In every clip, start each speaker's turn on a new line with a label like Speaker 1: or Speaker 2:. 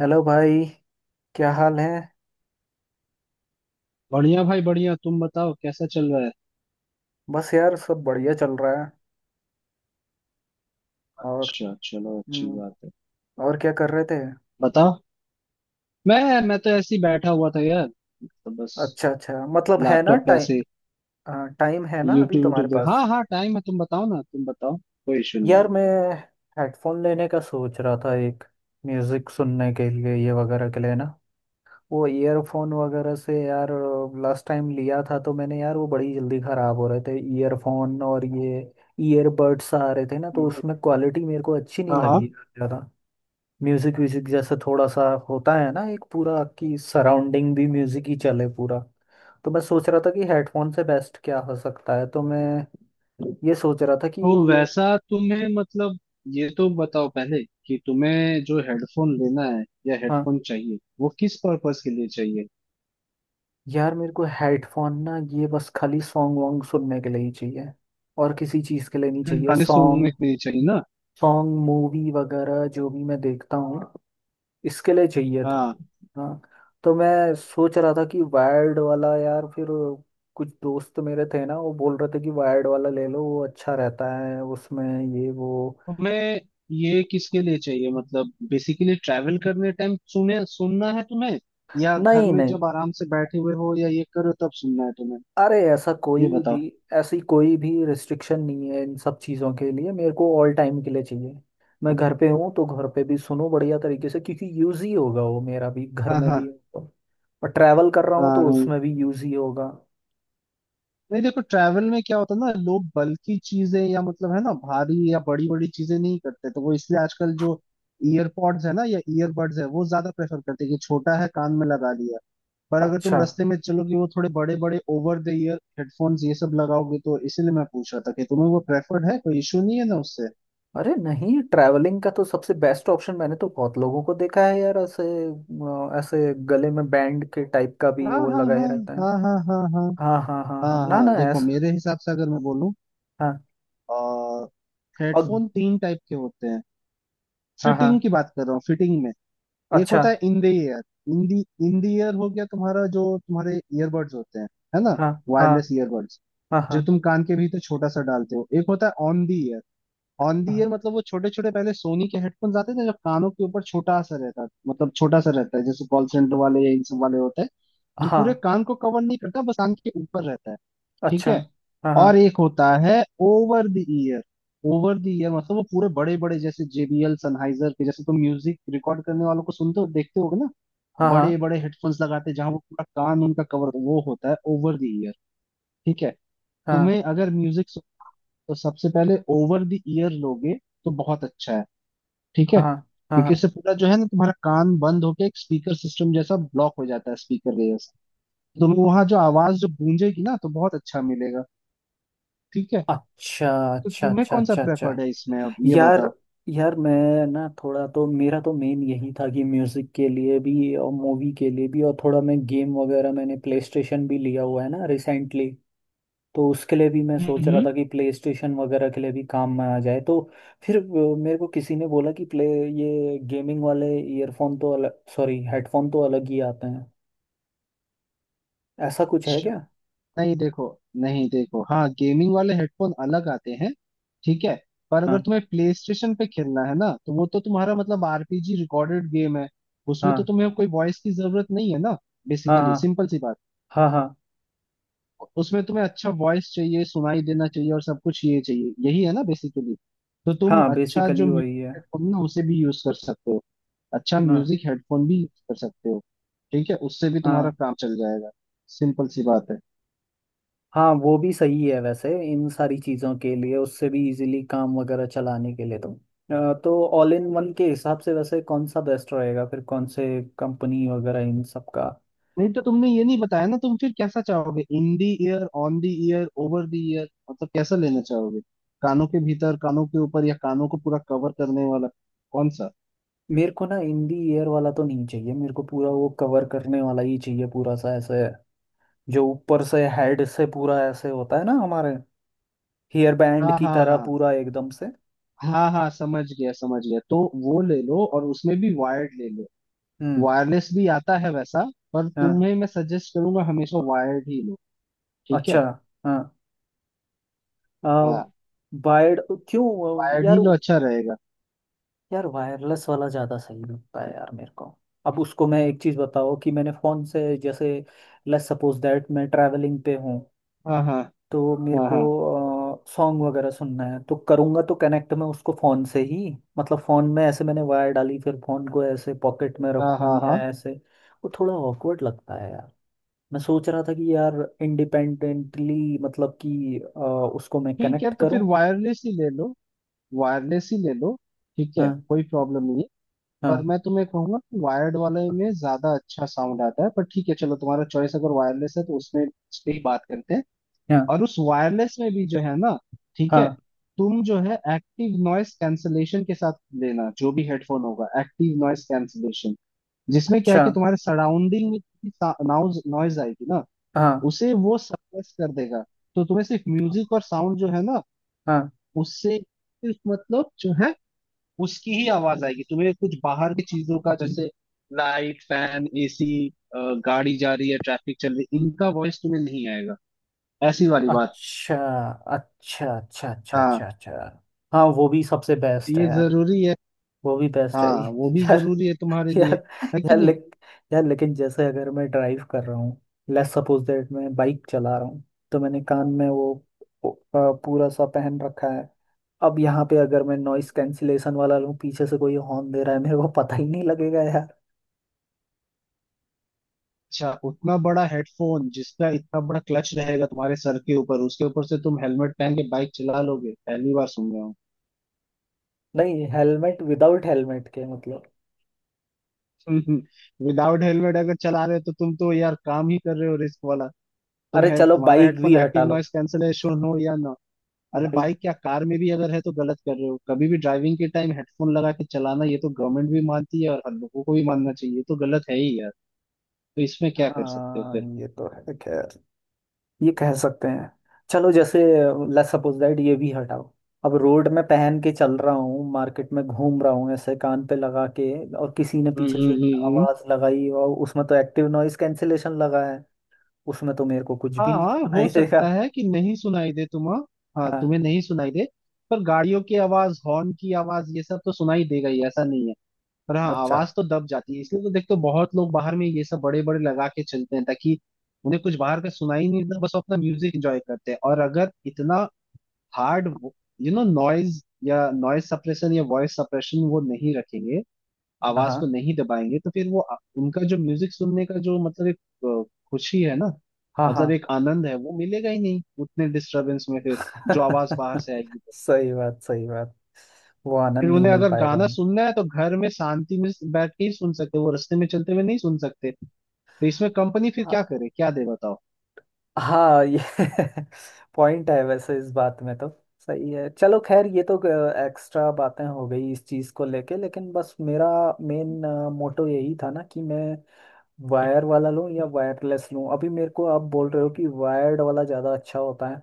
Speaker 1: Hello भाई। क्या हाल है।
Speaker 2: बढ़िया भाई बढ़िया। तुम बताओ कैसा चल रहा है।
Speaker 1: बस यार, सब बढ़िया चल रहा है। और।
Speaker 2: अच्छा चलो अच्छी
Speaker 1: हम्म,
Speaker 2: बात है।
Speaker 1: और क्या कर रहे थे।
Speaker 2: बताओ। मैं तो ऐसे ही बैठा हुआ था यार। तो बस
Speaker 1: अच्छा अच्छा, मतलब है ना
Speaker 2: लैपटॉप पे
Speaker 1: टाइम।
Speaker 2: ऐसे
Speaker 1: टाइम है ना अभी
Speaker 2: यूट्यूब
Speaker 1: तुम्हारे
Speaker 2: यूट्यूब देख।
Speaker 1: पास।
Speaker 2: हाँ हाँ टाइम है। तुम बताओ ना तुम बताओ कोई इशू नहीं
Speaker 1: यार
Speaker 2: है।
Speaker 1: मैं हेडफोन लेने का सोच रहा था एक, म्यूजिक सुनने के लिए, ये वगैरह के लिए ना। वो ईयरफोन वगैरह से यार, लास्ट टाइम लिया था तो मैंने यार, वो बड़ी जल्दी खराब हो रहे थे ईयरफोन, और ये ईयरबड्स आ रहे थे ना, तो
Speaker 2: हम्म,
Speaker 1: उसमें क्वालिटी मेरे को अच्छी नहीं
Speaker 2: हाँ हाँ।
Speaker 1: लगी ज़्यादा। म्यूजिक व्यूजिक जैसा थोड़ा सा होता है ना एक पूरा, कि सराउंडिंग भी म्यूजिक ही चले पूरा। तो मैं सोच रहा था कि हेडफोन से बेस्ट क्या हो सकता है, तो मैं ये सोच रहा था कि
Speaker 2: तो
Speaker 1: ये।
Speaker 2: वैसा तुम्हें मतलब ये तो बताओ पहले कि तुम्हें जो हेडफोन लेना है या
Speaker 1: हाँ।
Speaker 2: हेडफोन चाहिए वो किस पर्पस के लिए चाहिए।
Speaker 1: यार मेरे को हेडफोन ना, ये बस खाली सॉन्ग वॉन्ग सुनने के लिए ही चाहिए, और किसी चीज़ के लिए नहीं
Speaker 2: सिर्फ
Speaker 1: चाहिए।
Speaker 2: गाने सुनने
Speaker 1: सॉन्ग,
Speaker 2: के लिए चाहिए ना।
Speaker 1: सॉन्ग मूवी वगैरह जो भी मैं देखता हूँ इसके लिए चाहिए था।
Speaker 2: हाँ।
Speaker 1: हाँ। तो मैं सोच रहा था कि वायर्ड वाला यार, फिर कुछ दोस्त मेरे थे ना, वो बोल रहे थे कि वायर्ड वाला ले लो वो अच्छा रहता है, उसमें ये वो।
Speaker 2: तुम्हें ये किसके लिए चाहिए मतलब बेसिकली ट्रैवल करने टाइम सुने सुनना है तुम्हें, या घर
Speaker 1: नहीं
Speaker 2: में
Speaker 1: नहीं,
Speaker 2: जब आराम से बैठे हुए हो या ये करो तब सुनना है तुम्हें।
Speaker 1: अरे ऐसा
Speaker 2: ये
Speaker 1: कोई भी,
Speaker 2: बताओ।
Speaker 1: ऐसी कोई भी रिस्ट्रिक्शन नहीं है इन सब चीज़ों के लिए, मेरे को ऑल टाइम के लिए चाहिए। मैं घर पे हूँ तो घर पे भी सुनो बढ़िया तरीके से, क्योंकि यूज ही होगा वो मेरा भी, घर
Speaker 2: हाँ
Speaker 1: में
Speaker 2: हाँ
Speaker 1: भी होगा। और ट्रैवल कर रहा हूँ
Speaker 2: हाँ
Speaker 1: तो
Speaker 2: हाँ।
Speaker 1: उसमें भी यूज ही होगा।
Speaker 2: नहीं देखो ट्रैवल में क्या होता है ना, लोग बल्कि चीजें या मतलब है ना भारी या बड़ी बड़ी चीजें नहीं करते, तो वो इसलिए आजकल जो ईयरपॉड्स है ना या ईयरबड्स है वो ज्यादा प्रेफर करते हैं कि छोटा है कान में लगा लिया। पर अगर
Speaker 1: अच्छा।
Speaker 2: तुम रास्ते में चलोगे वो थोड़े बड़े बड़े ओवर द ईयर हेडफोन्स ये सब लगाओगे, तो इसीलिए मैं पूछ रहा था कि तुम्हें वो प्रेफर्ड है, कोई इशू नहीं है ना उससे।
Speaker 1: अरे नहीं, ट्रैवलिंग का तो सबसे बेस्ट ऑप्शन, मैंने तो बहुत लोगों को देखा है यार, ऐसे ऐसे गले में बैंड के टाइप का भी
Speaker 2: हाँ
Speaker 1: वो
Speaker 2: हाँ
Speaker 1: लगाए
Speaker 2: हाँ
Speaker 1: रहता है।
Speaker 2: हाँ हाँ हाँ हाँ
Speaker 1: हाँ हाँ हाँ हाँ,
Speaker 2: हाँ
Speaker 1: ना ना
Speaker 2: हाँ। देखो
Speaker 1: ऐसा।
Speaker 2: मेरे हिसाब से अगर मैं बोलूँ,
Speaker 1: हाँ। और।
Speaker 2: हेडफोन 3 टाइप के होते हैं।
Speaker 1: हाँ हाँ।
Speaker 2: फिटिंग की बात कर रहा हूँ, फिटिंग में। एक
Speaker 1: अच्छा।
Speaker 2: होता है in the ear. In the in the ear हो गया तुम्हारा जो तुम्हारे ईयरबड्स होते हैं, है ना।
Speaker 1: हाँ हाँ
Speaker 2: वायरलेस ईयरबड्स,
Speaker 1: हाँ
Speaker 2: जो
Speaker 1: हाँ।
Speaker 2: तुम कान के भीतर छोटा सा डालते हो। एक होता है on the ear. On the
Speaker 1: हाँ।
Speaker 2: ईयर मतलब वो छोटे छोटे पहले सोनी के हेडफोन्स आते थे जो कानों के ऊपर छोटा सा रहता है, मतलब छोटा सा रहता है जैसे कॉल सेंटर वाले या इन सब वाले होते हैं। जो
Speaker 1: अच्छा,
Speaker 2: पूरे
Speaker 1: हाँ।
Speaker 2: कान को कवर नहीं करता बस कान के ऊपर रहता है। ठीक
Speaker 1: अच्छा।
Speaker 2: है।
Speaker 1: हाँ
Speaker 2: और
Speaker 1: हाँ।
Speaker 2: एक होता है over the ear. Over the ear मतलब वो पूरे बड़े बड़े जैसे जेबीएल सनहाइजर के जैसे तुम म्यूजिक रिकॉर्ड करने वालों को सुनते हो, देखते होगे ना,
Speaker 1: हाँ। हाँ
Speaker 2: बड़े बड़े हेडफोन्स लगाते हैं, जहाँ वो पूरा कान उनका कवर, वो होता है ओवर द ईयर। ठीक है।
Speaker 1: हाँ
Speaker 2: तुम्हें अगर म्यूजिक, तो सबसे पहले ओवर द ईयर लोगे तो बहुत अच्छा है। ठीक
Speaker 1: हाँ
Speaker 2: है।
Speaker 1: हाँ। हाँ
Speaker 2: स्पीकर
Speaker 1: हाँ,
Speaker 2: से पूरा जो है ना तुम्हारा कान बंद होके एक स्पीकर सिस्टम जैसा ब्लॉक हो जाता है स्पीकर के जैसा। तुम्हें वहां जो आवाज जो गूंजेगी ना, तो बहुत अच्छा मिलेगा। ठीक है।
Speaker 1: अच्छा।
Speaker 2: तो
Speaker 1: अच्छा
Speaker 2: तुम्हें
Speaker 1: अच्छा
Speaker 2: कौन सा
Speaker 1: अच्छा अच्छा।
Speaker 2: प्रेफर्ड है इसमें, अब ये
Speaker 1: यार,
Speaker 2: बताओ।
Speaker 1: यार मैं ना, थोड़ा तो मेरा तो मेन यही था कि म्यूजिक के लिए भी और मूवी के लिए भी, और थोड़ा मैं गेम वगैरह, मैंने प्ले स्टेशन भी लिया हुआ है ना रिसेंटली, तो उसके लिए भी मैं सोच रहा
Speaker 2: हम्म।
Speaker 1: था कि प्ले स्टेशन वगैरह के लिए भी काम में आ जाए तो। फिर मेरे को किसी ने बोला कि प्ले, ये गेमिंग वाले ईयरफोन तो अलग, सॉरी हेडफोन तो अलग ही आते हैं, ऐसा कुछ है
Speaker 2: अच्छा,
Speaker 1: क्या।
Speaker 2: नहीं देखो नहीं देखो हाँ, गेमिंग वाले हेडफोन अलग आते हैं। ठीक है। पर अगर
Speaker 1: हाँ
Speaker 2: तुम्हें प्ले स्टेशन पे खेलना है ना, तो वो तो तुम्हारा मतलब आरपीजी रिकॉर्डेड गेम है, उसमें तो
Speaker 1: हाँ।
Speaker 2: तुम्हें कोई वॉइस की जरूरत नहीं है ना।
Speaker 1: हाँ
Speaker 2: बेसिकली
Speaker 1: हाँ।
Speaker 2: सिंपल सी बात,
Speaker 1: हाँ हाँ।
Speaker 2: उसमें तुम्हें अच्छा वॉइस चाहिए, सुनाई देना चाहिए और सब कुछ ये चाहिए, यही है ना बेसिकली। तो तुम
Speaker 1: हाँ
Speaker 2: अच्छा जो
Speaker 1: बेसिकली वही है।
Speaker 2: म्यूजिक हेडफोन ना उसे भी यूज कर सकते हो। अच्छा
Speaker 1: हाँ।
Speaker 2: म्यूजिक हेडफोन भी यूज कर सकते हो। ठीक है, उससे भी तुम्हारा
Speaker 1: हाँ
Speaker 2: काम चल जाएगा। सिंपल सी बात है।
Speaker 1: हाँ वो भी सही है वैसे, इन सारी चीज़ों के लिए उससे भी इजीली काम वगैरह चलाने के लिए तो। तो ऑल इन वन के हिसाब से वैसे कौन सा बेस्ट रहेगा फिर, कौन से कंपनी वगैरह इन सब का।
Speaker 2: नहीं तो तुमने ये नहीं बताया ना, तुम फिर कैसा चाहोगे, in the ear on the ear over the ear, मतलब कैसा लेना चाहोगे। कानों के भीतर, कानों के ऊपर, या कानों को पूरा कवर करने वाला, कौन सा।
Speaker 1: मेरे को ना इन दी ईयर वाला तो नहीं चाहिए, मेरे को पूरा वो कवर करने वाला ही चाहिए, पूरा सा ऐसे जो ऊपर से हेड से पूरा ऐसे होता है ना, हमारे हेयर बैंड
Speaker 2: हाँ
Speaker 1: की
Speaker 2: हाँ
Speaker 1: तरह
Speaker 2: हाँ।
Speaker 1: पूरा एकदम से।
Speaker 2: हाँ हाँ समझ गया समझ गया। तो वो ले लो, और उसमें भी वायर्ड ले लो।
Speaker 1: हम्म।
Speaker 2: वायरलेस भी आता है वैसा, पर
Speaker 1: हाँ।
Speaker 2: तुम्हें मैं सजेस्ट करूंगा हमेशा वायर्ड ही लो। ठीक
Speaker 1: अच्छा।
Speaker 2: है।
Speaker 1: हाँ। आ,
Speaker 2: हाँ,
Speaker 1: वायर्ड, क्यों।
Speaker 2: वायर्ड ही
Speaker 1: यार,
Speaker 2: लो अच्छा रहेगा।
Speaker 1: यार वायरलेस वाला ज़्यादा सही लगता है यार मेरे को। अब उसको मैं एक चीज़ बताओ कि मैंने फ़ोन से जैसे, लेट्स सपोज दैट मैं ट्रैवलिंग पे हूँ,
Speaker 2: हाँ हाँ
Speaker 1: तो मेरे
Speaker 2: हाँ
Speaker 1: को
Speaker 2: हाँ
Speaker 1: सॉन्ग वगैरह सुनना है, तो करूँगा तो कनेक्ट मैं उसको फ़ोन से ही, मतलब फ़ोन में ऐसे मैंने वायर डाली, फिर फ़ोन को ऐसे पॉकेट में
Speaker 2: हाँ
Speaker 1: रखूँ
Speaker 2: हाँ
Speaker 1: या
Speaker 2: हाँ।
Speaker 1: ऐसे, वो थोड़ा ऑकवर्ड लगता है यार। मैं सोच रहा था कि यार, इंडिपेंडेंटली मतलब कि उसको मैं
Speaker 2: ठीक है
Speaker 1: कनेक्ट
Speaker 2: तो
Speaker 1: करूँ।
Speaker 2: फिर वायरलेस ही ले लो। वायरलेस ही ले लो। ठीक है
Speaker 1: हाँ
Speaker 2: कोई प्रॉब्लम नहीं है। पर
Speaker 1: हाँ
Speaker 2: मैं तुम्हें कहूंगा कि वायर्ड वाले में ज्यादा अच्छा साउंड आता है, पर ठीक है चलो, तुम्हारा चॉइस अगर वायरलेस है तो उसमें इस पे ही बात करते हैं।
Speaker 1: हाँ
Speaker 2: और उस वायरलेस में भी जो है ना, ठीक है,
Speaker 1: हाँ।
Speaker 2: तुम जो है एक्टिव नॉइस कैंसलेशन के साथ लेना, जो भी हेडफोन होगा एक्टिव नॉइस कैंसलेशन, जिसमें क्या है
Speaker 1: अच्छा।
Speaker 2: कि तुम्हारे सराउंडिंग में नॉइज नॉइज आएगी ना,
Speaker 1: हाँ
Speaker 2: उसे वो सप्रेस कर देगा। तो तुम्हें सिर्फ म्यूजिक और साउंड जो है ना,
Speaker 1: हाँ।
Speaker 2: उससे सिर्फ मतलब जो है, उसकी ही आवाज आएगी तुम्हें। कुछ बाहर की चीजों का, जैसे लाइट फैन एसी, गाड़ी जा रही है, ट्रैफिक चल रही है, इनका वॉइस तुम्हें नहीं आएगा। ऐसी वाली बात।
Speaker 1: अच्छा अच्छा अच्छा अच्छा
Speaker 2: हाँ,
Speaker 1: अच्छा अच्छा। हाँ वो भी सबसे
Speaker 2: तो
Speaker 1: बेस्ट
Speaker 2: ये
Speaker 1: है।
Speaker 2: जरूरी है।
Speaker 1: वो भी बेस्ट है
Speaker 2: हाँ वो भी
Speaker 1: यार।
Speaker 2: जरूरी है तुम्हारे
Speaker 1: यार।
Speaker 2: लिए, है कि
Speaker 1: यार
Speaker 2: नहीं।
Speaker 1: लेक, यार लेकिन जैसे अगर मैं ड्राइव कर रहा हूँ, लेट्स सपोज दैट मैं बाइक चला रहा हूँ, तो मैंने कान में वो पूरा सा पहन रखा है, अब यहाँ पे अगर मैं नॉइस कैंसिलेशन वाला लूँ, पीछे से कोई हॉर्न दे रहा है, मेरे को पता ही नहीं लगेगा यार।
Speaker 2: अच्छा, उतना बड़ा हेडफोन जिसका इतना बड़ा क्लच रहेगा तुम्हारे सर के ऊपर, उसके ऊपर से तुम हेलमेट पहन के बाइक चला लोगे, पहली बार सुन रहा हूँ।
Speaker 1: नहीं हेलमेट, विदाउट हेलमेट के मतलब।
Speaker 2: विदाउट हेलमेट अगर चला रहे हो तो तुम तो यार काम ही कर रहे हो रिस्क वाला। तुम
Speaker 1: अरे
Speaker 2: है,
Speaker 1: चलो
Speaker 2: तुम्हारा
Speaker 1: बाइक
Speaker 2: हेडफोन
Speaker 1: भी हटा
Speaker 2: एक्टिव
Speaker 1: लो।
Speaker 2: नॉइस कैंसलेशन हो या ना। अरे
Speaker 1: बाइक।
Speaker 2: बाइक क्या, कार में भी अगर है तो गलत कर रहे हो। कभी भी ड्राइविंग के टाइम हेडफोन लगा के चलाना, ये तो गवर्नमेंट भी मानती है और हम लोगों को भी मानना चाहिए, ये तो गलत है ही यार। तो इसमें क्या कर सकते हो
Speaker 1: हाँ
Speaker 2: फिर।
Speaker 1: ये तो है खैर, ये कह सकते हैं। चलो जैसे, लेट्स सपोज दैट ये भी हटाओ, अब रोड में पहन के चल रहा हूँ, मार्केट में घूम रहा हूँ ऐसे कान पे लगा के, और किसी ने
Speaker 2: हम्म
Speaker 1: पीछे से
Speaker 2: हम्म हम्म हम्म।
Speaker 1: आवाज लगाई, और उसमें तो एक्टिव नॉइस कैंसिलेशन लगा है, उसमें तो मेरे को कुछ भी नहीं
Speaker 2: हाँ हो
Speaker 1: सुनाई देगा।
Speaker 2: सकता है कि नहीं सुनाई दे तुम्हें, हाँ हाँ,
Speaker 1: हाँ।
Speaker 2: तुम्हें नहीं सुनाई दे, पर गाड़ियों की आवाज हॉर्न की आवाज ये सब तो सुनाई देगा ही, ऐसा नहीं है। पर हाँ
Speaker 1: अच्छा।
Speaker 2: आवाज तो दब जाती है, इसलिए तो देखते हो बहुत लोग बाहर में ये सब बड़े बड़े लगा के चलते हैं ताकि उन्हें कुछ बाहर का सुनाई नहीं देता, बस वो अपना म्यूजिक एंजॉय करते हैं। और अगर इतना हार्ड, यू नो, नॉइज या नॉइज सप्रेशन या वॉइस सप्रेशन वो नहीं रखेंगे,
Speaker 1: हाँ
Speaker 2: आवाज को
Speaker 1: हाँ
Speaker 2: नहीं दबाएंगे, तो फिर वो उनका जो म्यूजिक सुनने का जो मतलब एक अ, खुशी है ना,
Speaker 1: हाँ हाँ।
Speaker 2: मतलब एक आनंद है, वो मिलेगा ही नहीं उतने डिस्टरबेंस में फिर, जो आवाज बाहर से आएगी तो।
Speaker 1: सही बात, सही बात। वो
Speaker 2: फिर
Speaker 1: आनंद नहीं
Speaker 2: उन्हें
Speaker 1: मिल
Speaker 2: अगर
Speaker 1: पाएगा
Speaker 2: गाना
Speaker 1: उन्हें।
Speaker 2: सुनना है तो घर में शांति में बैठ के ही सुन सकते, वो रास्ते में चलते हुए नहीं सुन सकते। तो इसमें कंपनी फिर क्या करे क्या दे बताओ।
Speaker 1: हाँ ये पॉइंट है वैसे इस बात में तो। सही है चलो, खैर ये तो एक्स्ट्रा बातें हो गई इस चीज़ को लेके, लेकिन बस मेरा मेन मोटो यही था ना कि मैं वायर वाला लूँ या वायरलेस लूँ, अभी मेरे को आप बोल रहे हो कि वायर्ड वाला ज़्यादा अच्छा होता है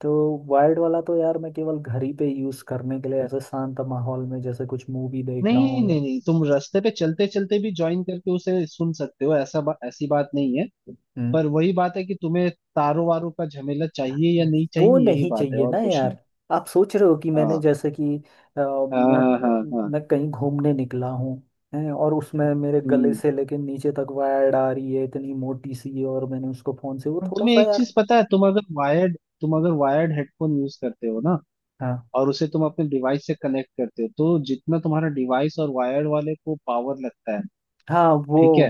Speaker 1: तो। वायर्ड वाला तो यार मैं केवल घर ही पे यूज़ करने के लिए, ऐसे शांत माहौल में जैसे कुछ मूवी देख
Speaker 2: नहीं
Speaker 1: रहा हूँ या।
Speaker 2: नहीं नहीं, तुम रास्ते पे चलते चलते भी ज्वाइन करके उसे सुन सकते हो, ऐसी बात नहीं है।
Speaker 1: हम्म।
Speaker 2: पर वही बात है कि तुम्हें तारों वारों का झमेला चाहिए या नहीं
Speaker 1: वो
Speaker 2: चाहिए, यही
Speaker 1: नहीं
Speaker 2: बात है
Speaker 1: चाहिए
Speaker 2: और
Speaker 1: ना
Speaker 2: कुछ नहीं।
Speaker 1: यार। आप सोच रहे हो कि मैंने
Speaker 2: हाँ
Speaker 1: जैसे कि अ,
Speaker 2: हाँ
Speaker 1: मैं
Speaker 2: हाँ हाँ हाँ।
Speaker 1: मैं कहीं घूमने निकला हूँ, हैं, और उसमें मेरे गले
Speaker 2: हम्म।
Speaker 1: से लेके नीचे तक वायर आ रही है इतनी मोटी सी, और मैंने उसको फोन से वो
Speaker 2: और
Speaker 1: थोड़ा
Speaker 2: तुम्हें
Speaker 1: सा
Speaker 2: एक
Speaker 1: यार।
Speaker 2: चीज पता है, तुम अगर वायर्ड हेडफोन यूज करते हो ना,
Speaker 1: हाँ
Speaker 2: और उसे तुम अपने डिवाइस से कनेक्ट करते हो, तो जितना तुम्हारा डिवाइस और वायर्ड वाले को पावर लगता है,
Speaker 1: हाँ, वो
Speaker 2: ठीक है,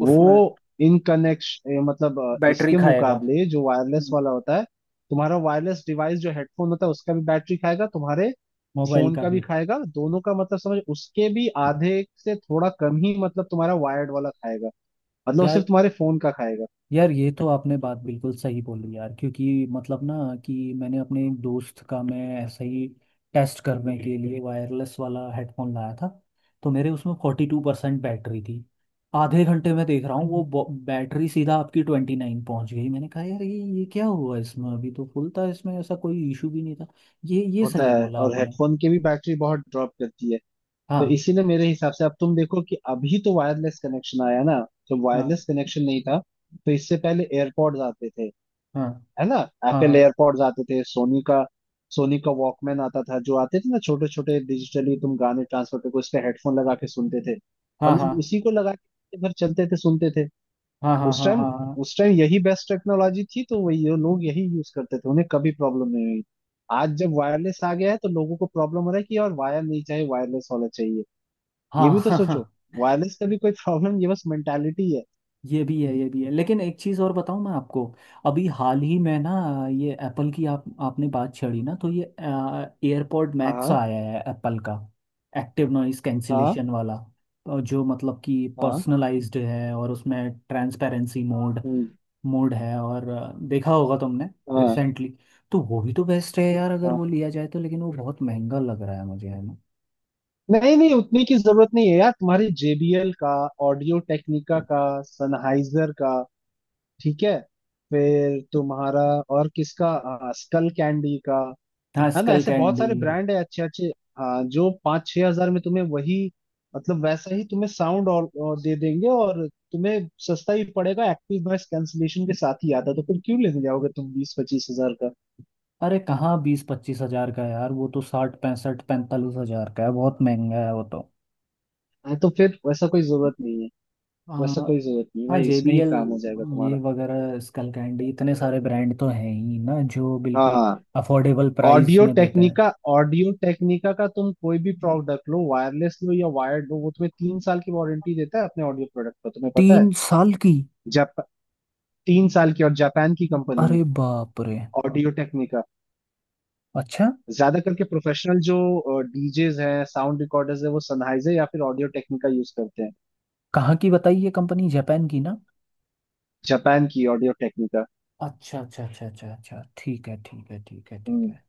Speaker 1: उसमें
Speaker 2: वो इन कनेक्शन मतलब
Speaker 1: बैटरी
Speaker 2: इसके
Speaker 1: खाएगा।
Speaker 2: मुकाबले जो वायरलेस
Speaker 1: हम्म,
Speaker 2: वाला होता है, तुम्हारा वायरलेस डिवाइस जो हेडफोन होता है उसका भी बैटरी खाएगा, तुम्हारे
Speaker 1: मोबाइल
Speaker 2: फोन
Speaker 1: का
Speaker 2: का भी
Speaker 1: भी।
Speaker 2: खाएगा, दोनों का मतलब समझ। उसके भी आधे से थोड़ा कम ही मतलब तुम्हारा वायर्ड वाला खाएगा, मतलब वो सिर्फ
Speaker 1: यार,
Speaker 2: तुम्हारे फोन का खाएगा।
Speaker 1: यार ये तो आपने बात बिल्कुल सही बोली यार, क्योंकि मतलब ना कि मैंने अपने एक दोस्त का, मैं ऐसे ही टेस्ट करने के लिए वायरलेस वाला हेडफोन लाया था, तो मेरे उसमें 42% बैटरी थी, आधे घंटे में देख रहा हूँ वो बैटरी सीधा आपकी 29 पहुँच गई, मैंने कहा यार ये क्या हुआ, इसमें अभी तो फुल था, इसमें ऐसा कोई इशू भी नहीं था। ये
Speaker 2: होता
Speaker 1: सही
Speaker 2: है,
Speaker 1: बोला
Speaker 2: और
Speaker 1: आपने।
Speaker 2: हेडफोन की भी बैटरी बहुत ड्रॉप करती है। तो
Speaker 1: हाँ
Speaker 2: इसी ने मेरे हिसाब से, अब तुम देखो कि अभी तो वायरलेस कनेक्शन आया ना, जब
Speaker 1: हाँ
Speaker 2: वायरलेस कनेक्शन नहीं था, तो इससे पहले एयरपॉड्स आते थे,
Speaker 1: हाँ
Speaker 2: है ना।
Speaker 1: हाँ
Speaker 2: एप्पल
Speaker 1: हाँ
Speaker 2: एयरपॉड्स आते थे, सोनी का वॉकमैन आता था, जो आते थे ना छोटे छोटे, डिजिटली तुम गाने ट्रांसफर करके उस पे हेडफोन लगा के सुनते थे,
Speaker 1: हाँ
Speaker 2: और
Speaker 1: हाँ
Speaker 2: लोग उसी को लगा के घर चलते थे सुनते थे।
Speaker 1: हाँ हाँ
Speaker 2: उस
Speaker 1: हाँ
Speaker 2: टाइम
Speaker 1: हाँ हाँ
Speaker 2: उस टाइम यही बेस्ट टेक्नोलॉजी थी, तो वही ये लोग यही यूज करते थे, उन्हें कभी प्रॉब्लम नहीं हुई। आज जब वायरलेस आ गया है तो लोगों को प्रॉब्लम हो रहा है कि यार वायर नहीं चाहिए वायरलेस होना चाहिए।
Speaker 1: हाँ
Speaker 2: ये भी तो
Speaker 1: हाँ हाँ
Speaker 2: सोचो,
Speaker 1: हाँ।
Speaker 2: वायरलेस का भी कोई प्रॉब्लम, ये बस मेंटालिटी है।
Speaker 1: ये भी है, ये भी है, लेकिन एक चीज़ और बताऊं मैं आपको, अभी हाल ही में ना, ये एप्पल की आप आपने बात छेड़ी ना, तो ये एयरपॉड मैक्स
Speaker 2: हाँ
Speaker 1: आया है एप्पल का, एक्टिव नॉइस
Speaker 2: हाँ
Speaker 1: कैंसिलेशन वाला, जो मतलब कि
Speaker 2: हाँ।
Speaker 1: पर्सनलाइज्ड है, और उसमें ट्रांसपेरेंसी मोड,
Speaker 2: हम्म,
Speaker 1: मोड है, और देखा होगा तुमने
Speaker 2: हाँ
Speaker 1: रिसेंटली, तो वो भी तो बेस्ट है यार अगर
Speaker 2: हाँ।
Speaker 1: वो लिया जाए तो, लेकिन वो बहुत महंगा लग रहा है मुझे है ना।
Speaker 2: नहीं नहीं, उतनी की जरूरत नहीं है यार तुम्हारी। JBL का, ऑडियो टेक्निका का, सनहाइजर का। ठीक है। फिर तुम्हारा और किसका, स्कल कैंडी का।
Speaker 1: हाँ
Speaker 2: है ना
Speaker 1: स्कल
Speaker 2: ऐसे बहुत
Speaker 1: कैंडी।
Speaker 2: सारे ब्रांड है अच्छे अच्छे। जो 5-6 हज़ार में तुम्हें वही, मतलब वैसा ही तुम्हें साउंड और दे देंगे, और तुम्हें सस्ता ही पड़ेगा, एक्टिव नॉइस कैंसलेशन के साथ ही आता है, तो फिर क्यों लेने जाओगे तुम 20-25 हज़ार का।
Speaker 1: अरे कहाँ 20-25 हजार का है यार, वो तो 60, 65, 45 हजार का है, बहुत महंगा है वो तो।
Speaker 2: हाँ, तो फिर वैसा कोई जरूरत नहीं है।
Speaker 1: आ,
Speaker 2: वैसा कोई जरूरत नहीं है
Speaker 1: हाँ
Speaker 2: भाई,
Speaker 1: जे
Speaker 2: इसमें
Speaker 1: बी
Speaker 2: ही
Speaker 1: एल
Speaker 2: काम हो जाएगा तुम्हारा।
Speaker 1: ये वगैरह, स्कल कैंडी, इतने सारे ब्रांड तो हैं ही ना, जो बिल्कुल
Speaker 2: हाँ।
Speaker 1: अफोर्डेबल प्राइस में देते हैं।
Speaker 2: ऑडियो टेक्निका का तुम कोई भी प्रोडक्ट लो, वायरलेस लो या वायर्ड लो, वो तुम्हें 3 साल की वारंटी देता है अपने ऑडियो प्रोडक्ट पर, तुम्हें पता है।
Speaker 1: 3 साल की।
Speaker 2: जाप 3 साल की, और जापान की कंपनी है
Speaker 1: अरे बाप रे।
Speaker 2: Audio Technica.
Speaker 1: अच्छा।
Speaker 2: ज्यादा करके प्रोफेशनल जो डीजेज हैं साउंड रिकॉर्डर्स हैं वो सनहाइजर या फिर ऑडियो टेक्निका यूज करते हैं।
Speaker 1: कहाँ की, बताइए कंपनी जापान की ना।
Speaker 2: जापान की ऑडियो टेक्निका।
Speaker 1: अच्छा अच्छा अच्छा अच्छा अच्छा, ठीक है ठीक है ठीक है ठीक
Speaker 2: हम्म।
Speaker 1: है।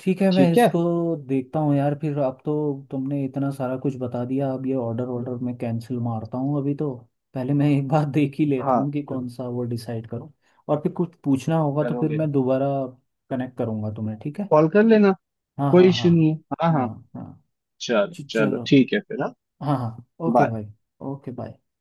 Speaker 1: ठीक है मैं
Speaker 2: ठीक है।
Speaker 1: इसको देखता हूँ यार फिर, अब तो तुमने इतना सारा कुछ बता दिया, अब ये ऑर्डर ऑर्डर मैं कैंसिल मारता हूँ अभी तो, पहले मैं एक बार देख ही लेता
Speaker 2: हाँ
Speaker 1: हूँ कि कौन सा वो डिसाइड करूँ, और फिर कुछ पूछना होगा तो फिर
Speaker 2: करोगे,
Speaker 1: मैं दोबारा कनेक्ट करूँगा तुम्हें, ठीक है।
Speaker 2: कॉल कर लेना,
Speaker 1: हाँ हाँ
Speaker 2: कोई इशू
Speaker 1: हाँ
Speaker 2: नहीं है। हाँ हाँ।
Speaker 1: हाँ हाँ।
Speaker 2: चलो चलो
Speaker 1: चलो।
Speaker 2: ठीक है फिर, हाँ
Speaker 1: हाँ हाँ ओके
Speaker 2: बाय।
Speaker 1: भाई। Okay bye.